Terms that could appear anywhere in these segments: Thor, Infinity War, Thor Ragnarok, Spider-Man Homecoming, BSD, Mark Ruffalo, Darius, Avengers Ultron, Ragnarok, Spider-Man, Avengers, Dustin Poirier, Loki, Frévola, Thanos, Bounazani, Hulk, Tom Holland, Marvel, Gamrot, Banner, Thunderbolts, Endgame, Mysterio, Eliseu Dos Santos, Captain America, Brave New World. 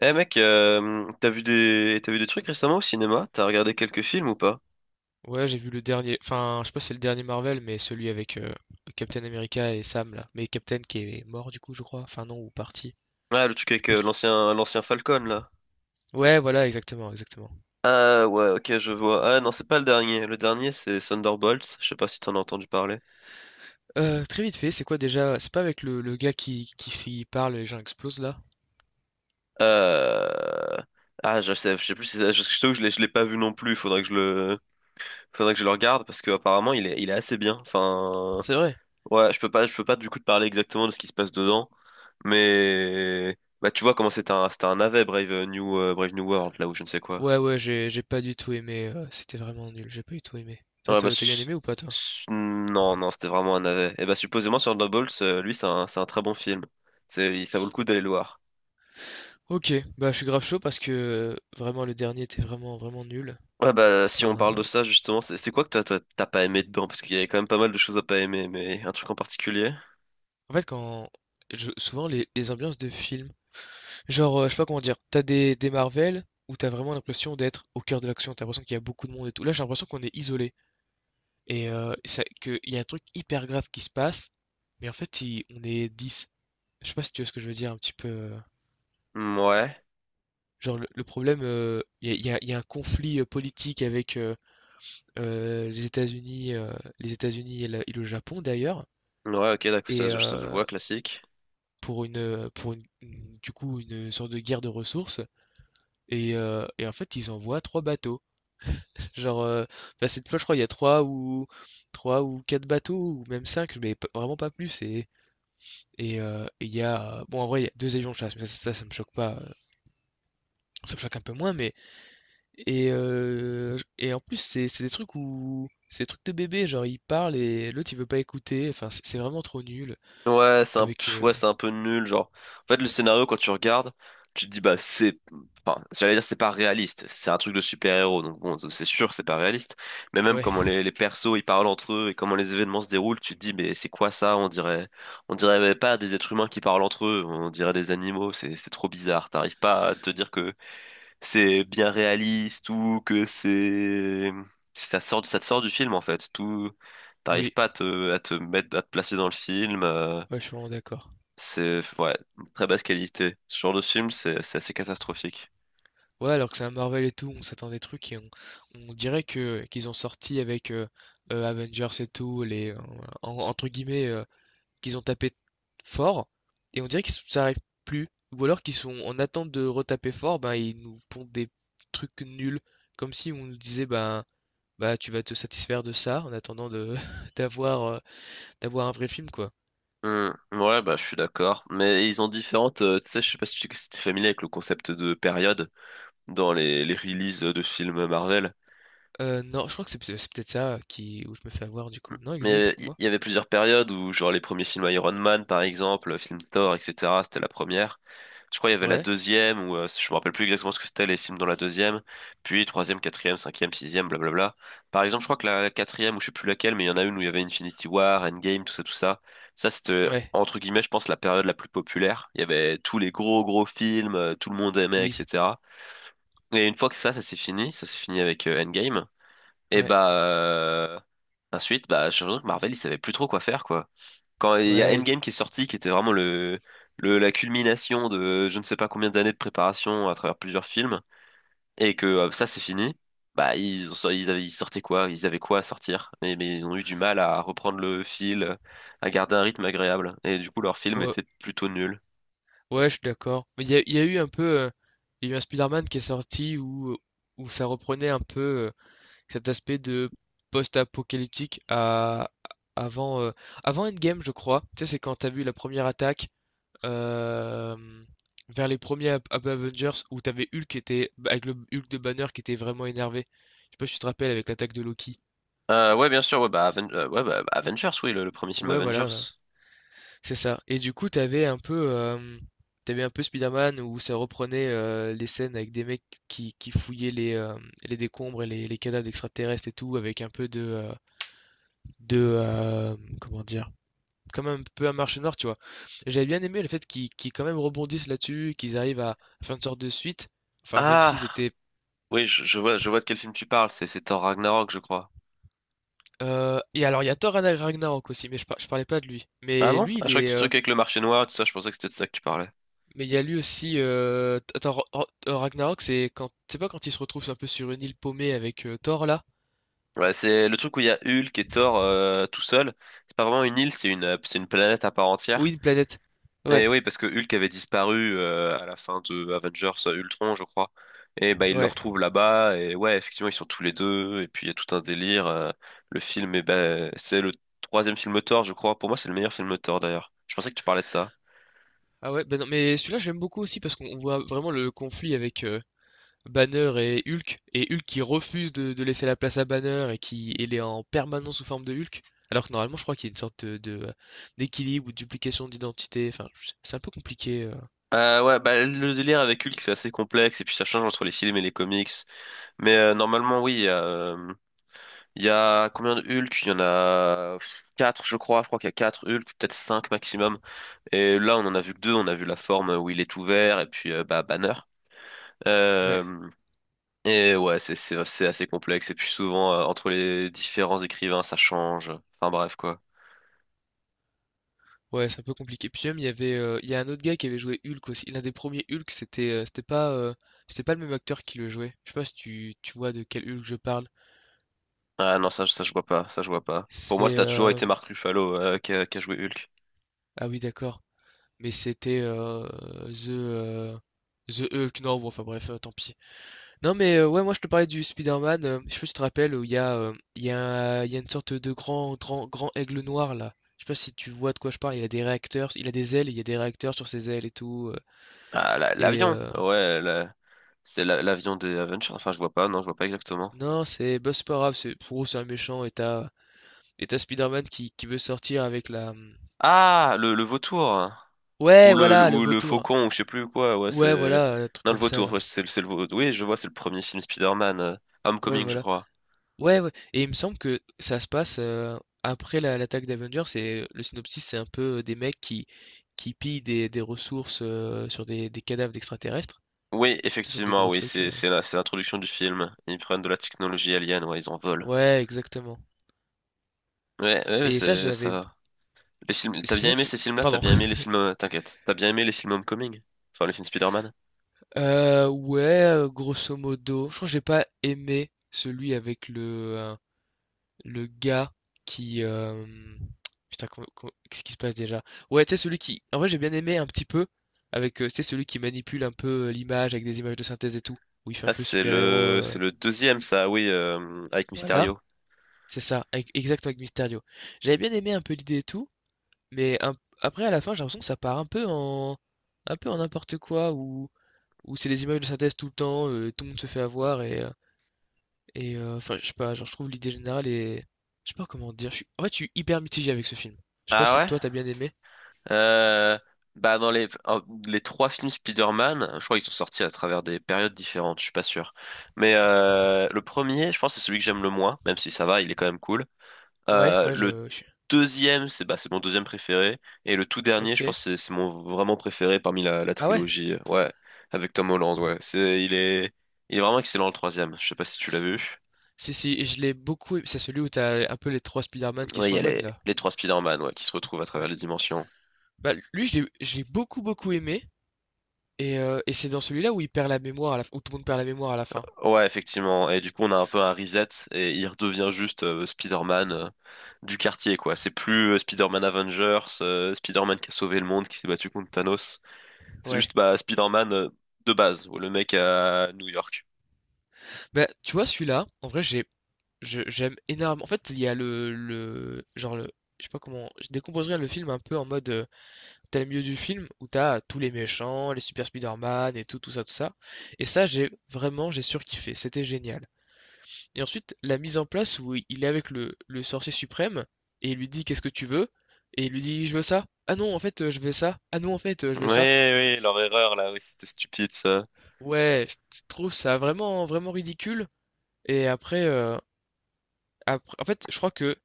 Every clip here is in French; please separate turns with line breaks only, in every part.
Eh mec, t'as vu des trucs récemment au cinéma? T'as regardé quelques films ou pas?
Ouais, j'ai vu le dernier, enfin, je sais pas si c'est le dernier Marvel, mais celui avec Captain America et Sam là. Mais Captain qui est mort du coup, je crois. Enfin non, ou parti.
Ah, le truc
Je sais
avec
pas si-
l'ancien Falcon là.
Ouais, voilà, exactement, exactement.
Ah ouais, ok, je vois. Ah non, c'est pas le dernier. Le dernier, c'est Thunderbolts. Je sais pas si t'en as entendu parler.
Très vite fait, c'est quoi déjà? C'est pas avec le gars qui s'y parle et les gens explosent là?
Euh... Ah, je sais plus si ça- je t'avoue, je l'ai pas vu non plus. Faudrait que je le regarde parce que apparemment il est assez bien. Enfin,
C'est vrai.
ouais, je peux pas du coup te parler exactement de ce qui se passe dedans, mais bah tu vois comment c'était un navet Brave New Brave New World là où je ne sais quoi.
Ouais, ouais, j'ai pas du tout aimé. C'était vraiment nul. J'ai pas du tout aimé. Toi,
Ouais, bah,
t'as bien
su-
aimé ou pas toi?
non, non, c'était vraiment un navet. Et bah, supposément, sur Nobles, lui, c'est un très bon film. Ça vaut le coup d'aller le voir.
Ok, bah je suis grave chaud parce que vraiment le dernier était vraiment vraiment nul.
Ouais, bah, si on
Enfin,
parle de ça, justement, c'est quoi que toi, t'as pas aimé dedans? Parce qu'il y avait quand même pas mal de choses à pas aimer, mais un truc en particulier?
en fait quand souvent les ambiances de films. Genre, je sais pas comment dire, t'as des Marvel où t'as vraiment l'impression d'être au cœur de l'action. T'as l'impression qu'il y a beaucoup de monde et tout. Là, j'ai l'impression qu'on est isolé et ça qu'il y a un truc hyper grave qui se passe, mais en fait, il on est 10. Je sais pas si tu vois ce que je veux dire un petit peu,
Hmm, ouais.
Genre le problème, il y a il y a il y a un conflit, politique avec, heu, les États-Unis, heu, les États-Unis et le Japon d'ailleurs,
Ouais, ok, d'accord,
et
ça, je vois, classique.
pour une, pour une du coup, une sorte de guerre de ressources. Et en fait, ils envoient 3 bateaux. Genre, bah, cette fois, je crois, il y a 3 ou 4 bateaux ou même cinq, mais p vraiment pas plus. Et il y a, bon, en vrai, il y a 2 avions de chasse, mais ça me choque pas, ça me choque un peu moins. Mais et j et en plus, c'est des trucs où c'est des trucs de bébé, genre, il parle et l'autre, il veut pas écouter, enfin, c'est vraiment trop nul avec,
Ouais, c'est un peu nul, genre. En fait, le scénario, quand tu regardes, tu te dis, enfin, j'allais dire, c'est pas réaliste. C'est un truc de super-héros, donc bon, c'est sûr, que c'est pas réaliste. Mais même comment
ouais,
les persos, ils parlent entre eux et comment les événements se déroulent, tu te dis, mais c'est quoi ça? On dirait pas des êtres humains qui parlent entre eux, on dirait des animaux, c'est trop bizarre. T'arrives pas à te dire que c'est bien réaliste ou que c'est, ça sort, ça te sort du film, en fait. T'arrives
oui,
pas à te mettre, à te placer dans le film.
ouais, je suis vraiment d'accord.
C'est ouais, une très basse qualité. Ce genre de film, c'est assez catastrophique.
Ouais, alors que c'est un Marvel et tout, on s'attend à des trucs et on dirait que qu'ils ont sorti avec, Avengers et tout, les en entre guillemets, qu'ils ont tapé fort, et on dirait qu'ils s'arrêtent plus. Ou alors qu'ils sont en attente de retaper fort, ben ils nous pondent des trucs nuls. Comme si on nous disait, ben, bah tu vas te satisfaire de ça en attendant de d'avoir d'avoir un vrai film, quoi.
Hmm, ouais, bah je suis d'accord. Mais ils ont différentes. Tu sais, je sais pas si tu es familier avec le concept de période dans les releases de films Marvel.
Non, je crois que c'est c'est peut-être ça qui où je me fais avoir du coup. Non, Exi,
Mais il
explique-moi.
y avait plusieurs périodes où, genre, les premiers films Iron Man, par exemple, le film Thor, etc., c'était la première. Je crois qu'il y avait la
Ouais,
deuxième, ou je me rappelle plus exactement ce que c'était les films dans la deuxième, puis troisième, quatrième, cinquième, sixième, blablabla. Par exemple, je crois que la quatrième, ou je sais plus laquelle, mais il y en a une où il y avait Infinity War, Endgame, tout ça, tout ça. Ça, c'était,
ouais,
entre guillemets, je pense, la période la plus populaire. Il y avait tous les gros, gros films, tout le monde aimait,
oui,
etc. Et une fois que ça s'est fini avec Endgame. Et
ouais,
bah ensuite, bah j'ai l'impression que Marvel, ils savaient plus trop quoi faire quoi. Quand il y a
ouais,
Endgame qui est sorti, qui était vraiment le la culmination de je ne sais pas combien d'années de préparation à travers plusieurs films, et que ça c'est fini, bah ils avaient ils sortaient quoi? Ils avaient quoi à sortir? Mais ils ont eu du mal à reprendre le fil, à garder un rythme agréable, et du coup leur film
ouais,
était plutôt nul.
ouais, je suis d'accord. Mais il y a eu un peu, il y a eu un Spider-Man qui est sorti où, où ça reprenait un peu. Cet aspect de post-apocalyptique à avant, avant Endgame, je crois. Tu sais, c'est quand t'as vu la première attaque, hem, vers les premiers Ap Ap Avengers où t'avais Hulk qui était bah, avec le Hulk de Banner qui était vraiment énervé. Je sais pas si tu te rappelles avec l'attaque de Loki?
Ouais bien sûr, Avengers, oui le premier film
Ouais, voilà,
Avengers.
c'est ça et du coup, t'avais un peu, tu un peu Spider-Man où ça reprenait, les scènes avec des mecs qui fouillaient les, les décombres et les cadavres d'extraterrestres et tout avec un peu de, de, comment dire? Quand même un peu un marché noir, tu vois? J'avais bien aimé le fait qu'ils quand même rebondissent là-dessus, qu'ils arrivent à faire une sorte de suite. Enfin, même si
Ah
c'était.
oui je vois de quel film tu parles, c'est Thor Ragnarok je crois.
Et alors, il y a Thor Ragnarok aussi, mais je, je parlais pas de lui.
Ah
Mais
bon?
lui,
Ah,
il
je croyais que
est.
tu truc avec le marché noir, tout ça, je pensais que c'était de ça que tu parlais.
Mais il y a lui aussi. Thor Ragnarok, c'est quand. C'est pas quand il se retrouve un peu sur une île paumée avec Thor là?
Ouais, c'est le truc où il y a Hulk et Thor tout seul. C'est pas vraiment une île, c'est une planète à part entière.
Oui, une planète.
Et
Ouais,
oui, parce que Hulk avait disparu à la fin de Avengers Ultron, je crois. Et bah ils le
ouais.
retrouvent là-bas, et ouais, effectivement, ils sont tous les deux, et puis il y a tout un délire. Le film, eh ben, c'est le troisième film Thor, je crois. Pour moi, c'est le meilleur film Thor, d'ailleurs. Je pensais que tu parlais de ça.
Ah ouais, ben non, mais celui-là, j'aime beaucoup aussi parce qu'on voit vraiment le conflit avec. Banner et Hulk qui refuse de laisser la place à Banner et qui il est en permanence sous forme de Hulk. Alors que normalement, je crois qu'il y a une sorte de, d'équilibre ou de duplication d'identité. Enfin, c'est un peu compliqué.
Ouais, bah, le délire avec Hulk, c'est assez complexe, et puis ça change entre les films et les comics. Mais normalement, oui. Il y a combien de Hulk? Il y en a quatre, je crois. Je crois qu'il y a quatre Hulk, peut-être cinq maximum. Et là, on en a vu que deux. On a vu la forme où il est ouvert et puis bah, Banner.
Ouais,
Euh, et ouais, c'est assez complexe. Et puis souvent, entre les différents écrivains, ça change. Enfin bref, quoi.
ouais, c'est un peu compliqué. Puis même, il y avait, il y a un autre gars qui avait joué Hulk aussi. L'un des premiers Hulk, c'était, c'était pas le même acteur qui le jouait. Je sais pas si tu, tu vois de quel Hulk je parle.
Ah non, ça je vois pas. Ça je vois pas. Pour moi,
C'est,
ça a toujours été Mark Ruffalo qui a joué Hulk.
ah oui, d'accord. Mais c'était The, The Hulk. Non, bon, enfin bref, tant pis. Non mais ouais, moi je te parlais du Spider-Man, je sais pas si tu te rappelles où il y a il y a une sorte de grand aigle noir là. Je sais pas si tu vois de quoi je parle, il a des réacteurs, il a des ailes, il y a des réacteurs sur ses ailes et tout
Ah, la-
et
l'avion.
euh,
C'est la- l'avion des Avengers. Enfin, je vois pas, non, je vois pas exactement.
non, c'est bah, c'est pas grave, c'est pour eux, c'est un méchant et t'as Spider-Man qui veut sortir avec la.
Ah, le vautour.
Ouais,
Ou
voilà, le
le
vautour.
faucon, ou je sais plus quoi. Ouais,
Ouais,
c'est.
voilà, un truc
Non, le
comme ça
vautour,
là.
ouais, c'est le vautour. Oui, je vois, c'est le premier film Spider-Man.
Ouais,
Homecoming, je
voilà.
crois.
Ouais, ouais et il me semble que ça se passe, après la l'attaque d'Avengers et le synopsis, c'est un peu des mecs qui pillent des ressources, sur des cadavres d'extraterrestres.
Oui,
Tu sais, sur des
effectivement,
gros
oui,
trucs,
c'est l'introduction du film. Ils prennent de la technologie alien, ouais, ils en volent.
ouais, exactement,
Ouais, ouais, ouais,
et ça,
c'est
j'avais
ça. Les films, t'as
c'est
bien
ça que
aimé
je
ces films-là? T'as
pardon.
bien aimé les films, t'inquiète. T'as bien aimé les films Homecoming? Enfin, les films Spider-Man?
Ouais, grosso modo, je crois que j'ai pas aimé celui avec le gars qui. Putain, qu'est-ce qui se passe déjà? Ouais, tu sais, celui qui. En vrai, j'ai bien aimé un petit peu. Avec, tu sais, celui qui manipule un peu l'image avec des images de synthèse et tout. Où il fait un
Ah,
peu super-héros.
c'est le deuxième, ça, oui, avec
Voilà,
Mysterio.
c'est ça. Avec... Exact avec Mysterio. J'avais bien aimé un peu l'idée et tout. Mais après, à la fin, j'ai l'impression que ça part un peu en. Un peu en n'importe quoi. Où, où c'est des images de synthèse tout le temps. Tout le monde se fait avoir. Et, enfin, je sais pas, genre, je trouve l'idée générale est. Je sais pas comment dire. En fait, je suis hyper mitigé avec ce film. Je sais pas
Ah
si
ouais?
toi t'as bien aimé.
Euh, bah dans les trois films Spider-Man, je crois qu'ils sont sortis à travers des périodes différentes, je suis pas sûr. Mais le premier, je pense, c'est celui que j'aime le moins, même si ça va, il est quand même cool.
Ouais, ouais,
Le
je suis.
deuxième, c'est bah, c'est mon deuxième préféré. Et le tout dernier, je
Ok.
pense, que c'est mon vraiment préféré parmi la
Ah ouais?
trilogie. Ouais, avec Tom Holland, ouais. Il est vraiment excellent le troisième. Je sais pas si tu l'as vu.
Si, si, et je l'ai beaucoup. Aimé. C'est celui où t'as un peu les trois Spider-Man qui se
Ouais, il y a
rejoignent là.
les trois Spider-Man, ouais, qui se retrouvent à travers
Ouais.
les dimensions.
Bah, lui, je l'ai beaucoup, beaucoup aimé. Et c'est dans celui-là où il perd la mémoire, à la... où tout le monde perd la mémoire à la fin.
Ouais, effectivement. Et du coup, on a un peu un reset et il redevient juste Spider-Man du quartier, quoi. C'est plus Spider-Man Avengers, Spider-Man qui a sauvé le monde, qui s'est battu contre Thanos. C'est
Ouais.
juste bah, Spider-Man de base, le mec à New York.
Bah, tu vois, celui-là, en vrai, j'ai. J'aime énormément. En fait, il y a le, le. Genre, le. Je sais pas comment. Je décomposerais le film un peu en mode. T'as le milieu du film où t'as tous les méchants, les Super Spider-Man et tout, tout ça, tout ça. Et ça, j'ai vraiment, j'ai surkiffé. C'était génial. Et ensuite, la mise en place où il est avec le sorcier suprême et il lui dit qu'est-ce que tu veux? Et il lui dit je veux ça. Ah non, en fait, je veux ça. Ah non, en fait, je
Oui,
veux ça.
oui, leur erreur là, oui, c'était stupide ça.
Ouais, je trouve ça vraiment, vraiment ridicule. Et après, après, en fait, je crois que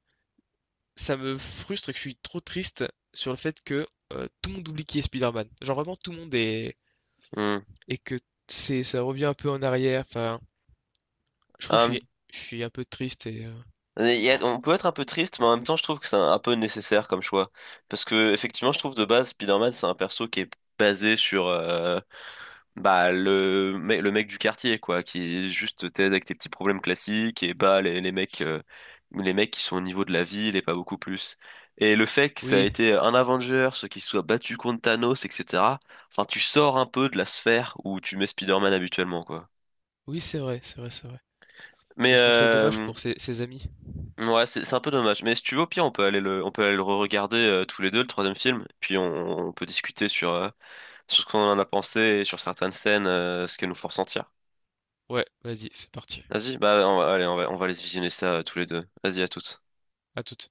ça me frustre et que je suis trop triste sur le fait que tout le monde oublie qui est Spider-Man. Genre vraiment, tout le monde est
Hmm.
et que c'est ça revient un peu en arrière. Enfin, je crois que
Hum,
je suis un peu triste et
il y a- on peut être un peu triste, mais en même temps, je trouve que c'est un peu nécessaire comme choix. Parce que, effectivement, je trouve de base, Spider-Man, c'est un perso qui est basé sur bah, le mec du quartier, quoi, qui juste t'aide avec tes petits problèmes classiques et bah, les mecs qui sont au niveau de la ville et pas beaucoup plus. Et le fait que ça a
oui,
été un Avengers qui se soit battu contre Thanos, etc. Enfin, tu sors un peu de la sphère où tu mets Spider-Man habituellement, quoi.
oui, c'est vrai, c'est vrai, c'est vrai.
Mais
Et je trouve ça dommage pour ses, ses amis.
ouais, c'est un peu dommage. Mais si tu veux, au pire, on peut aller le re-regarder tous les deux, le troisième film. Puis on peut discuter sur, sur ce qu'on en a pensé et sur certaines scènes, ce qu'elles nous font ressentir.
Ouais, vas-y, c'est parti.
Vas-y, bah on va, allez, on va aller se visionner ça tous les deux. Vas-y, à toutes.
À toute.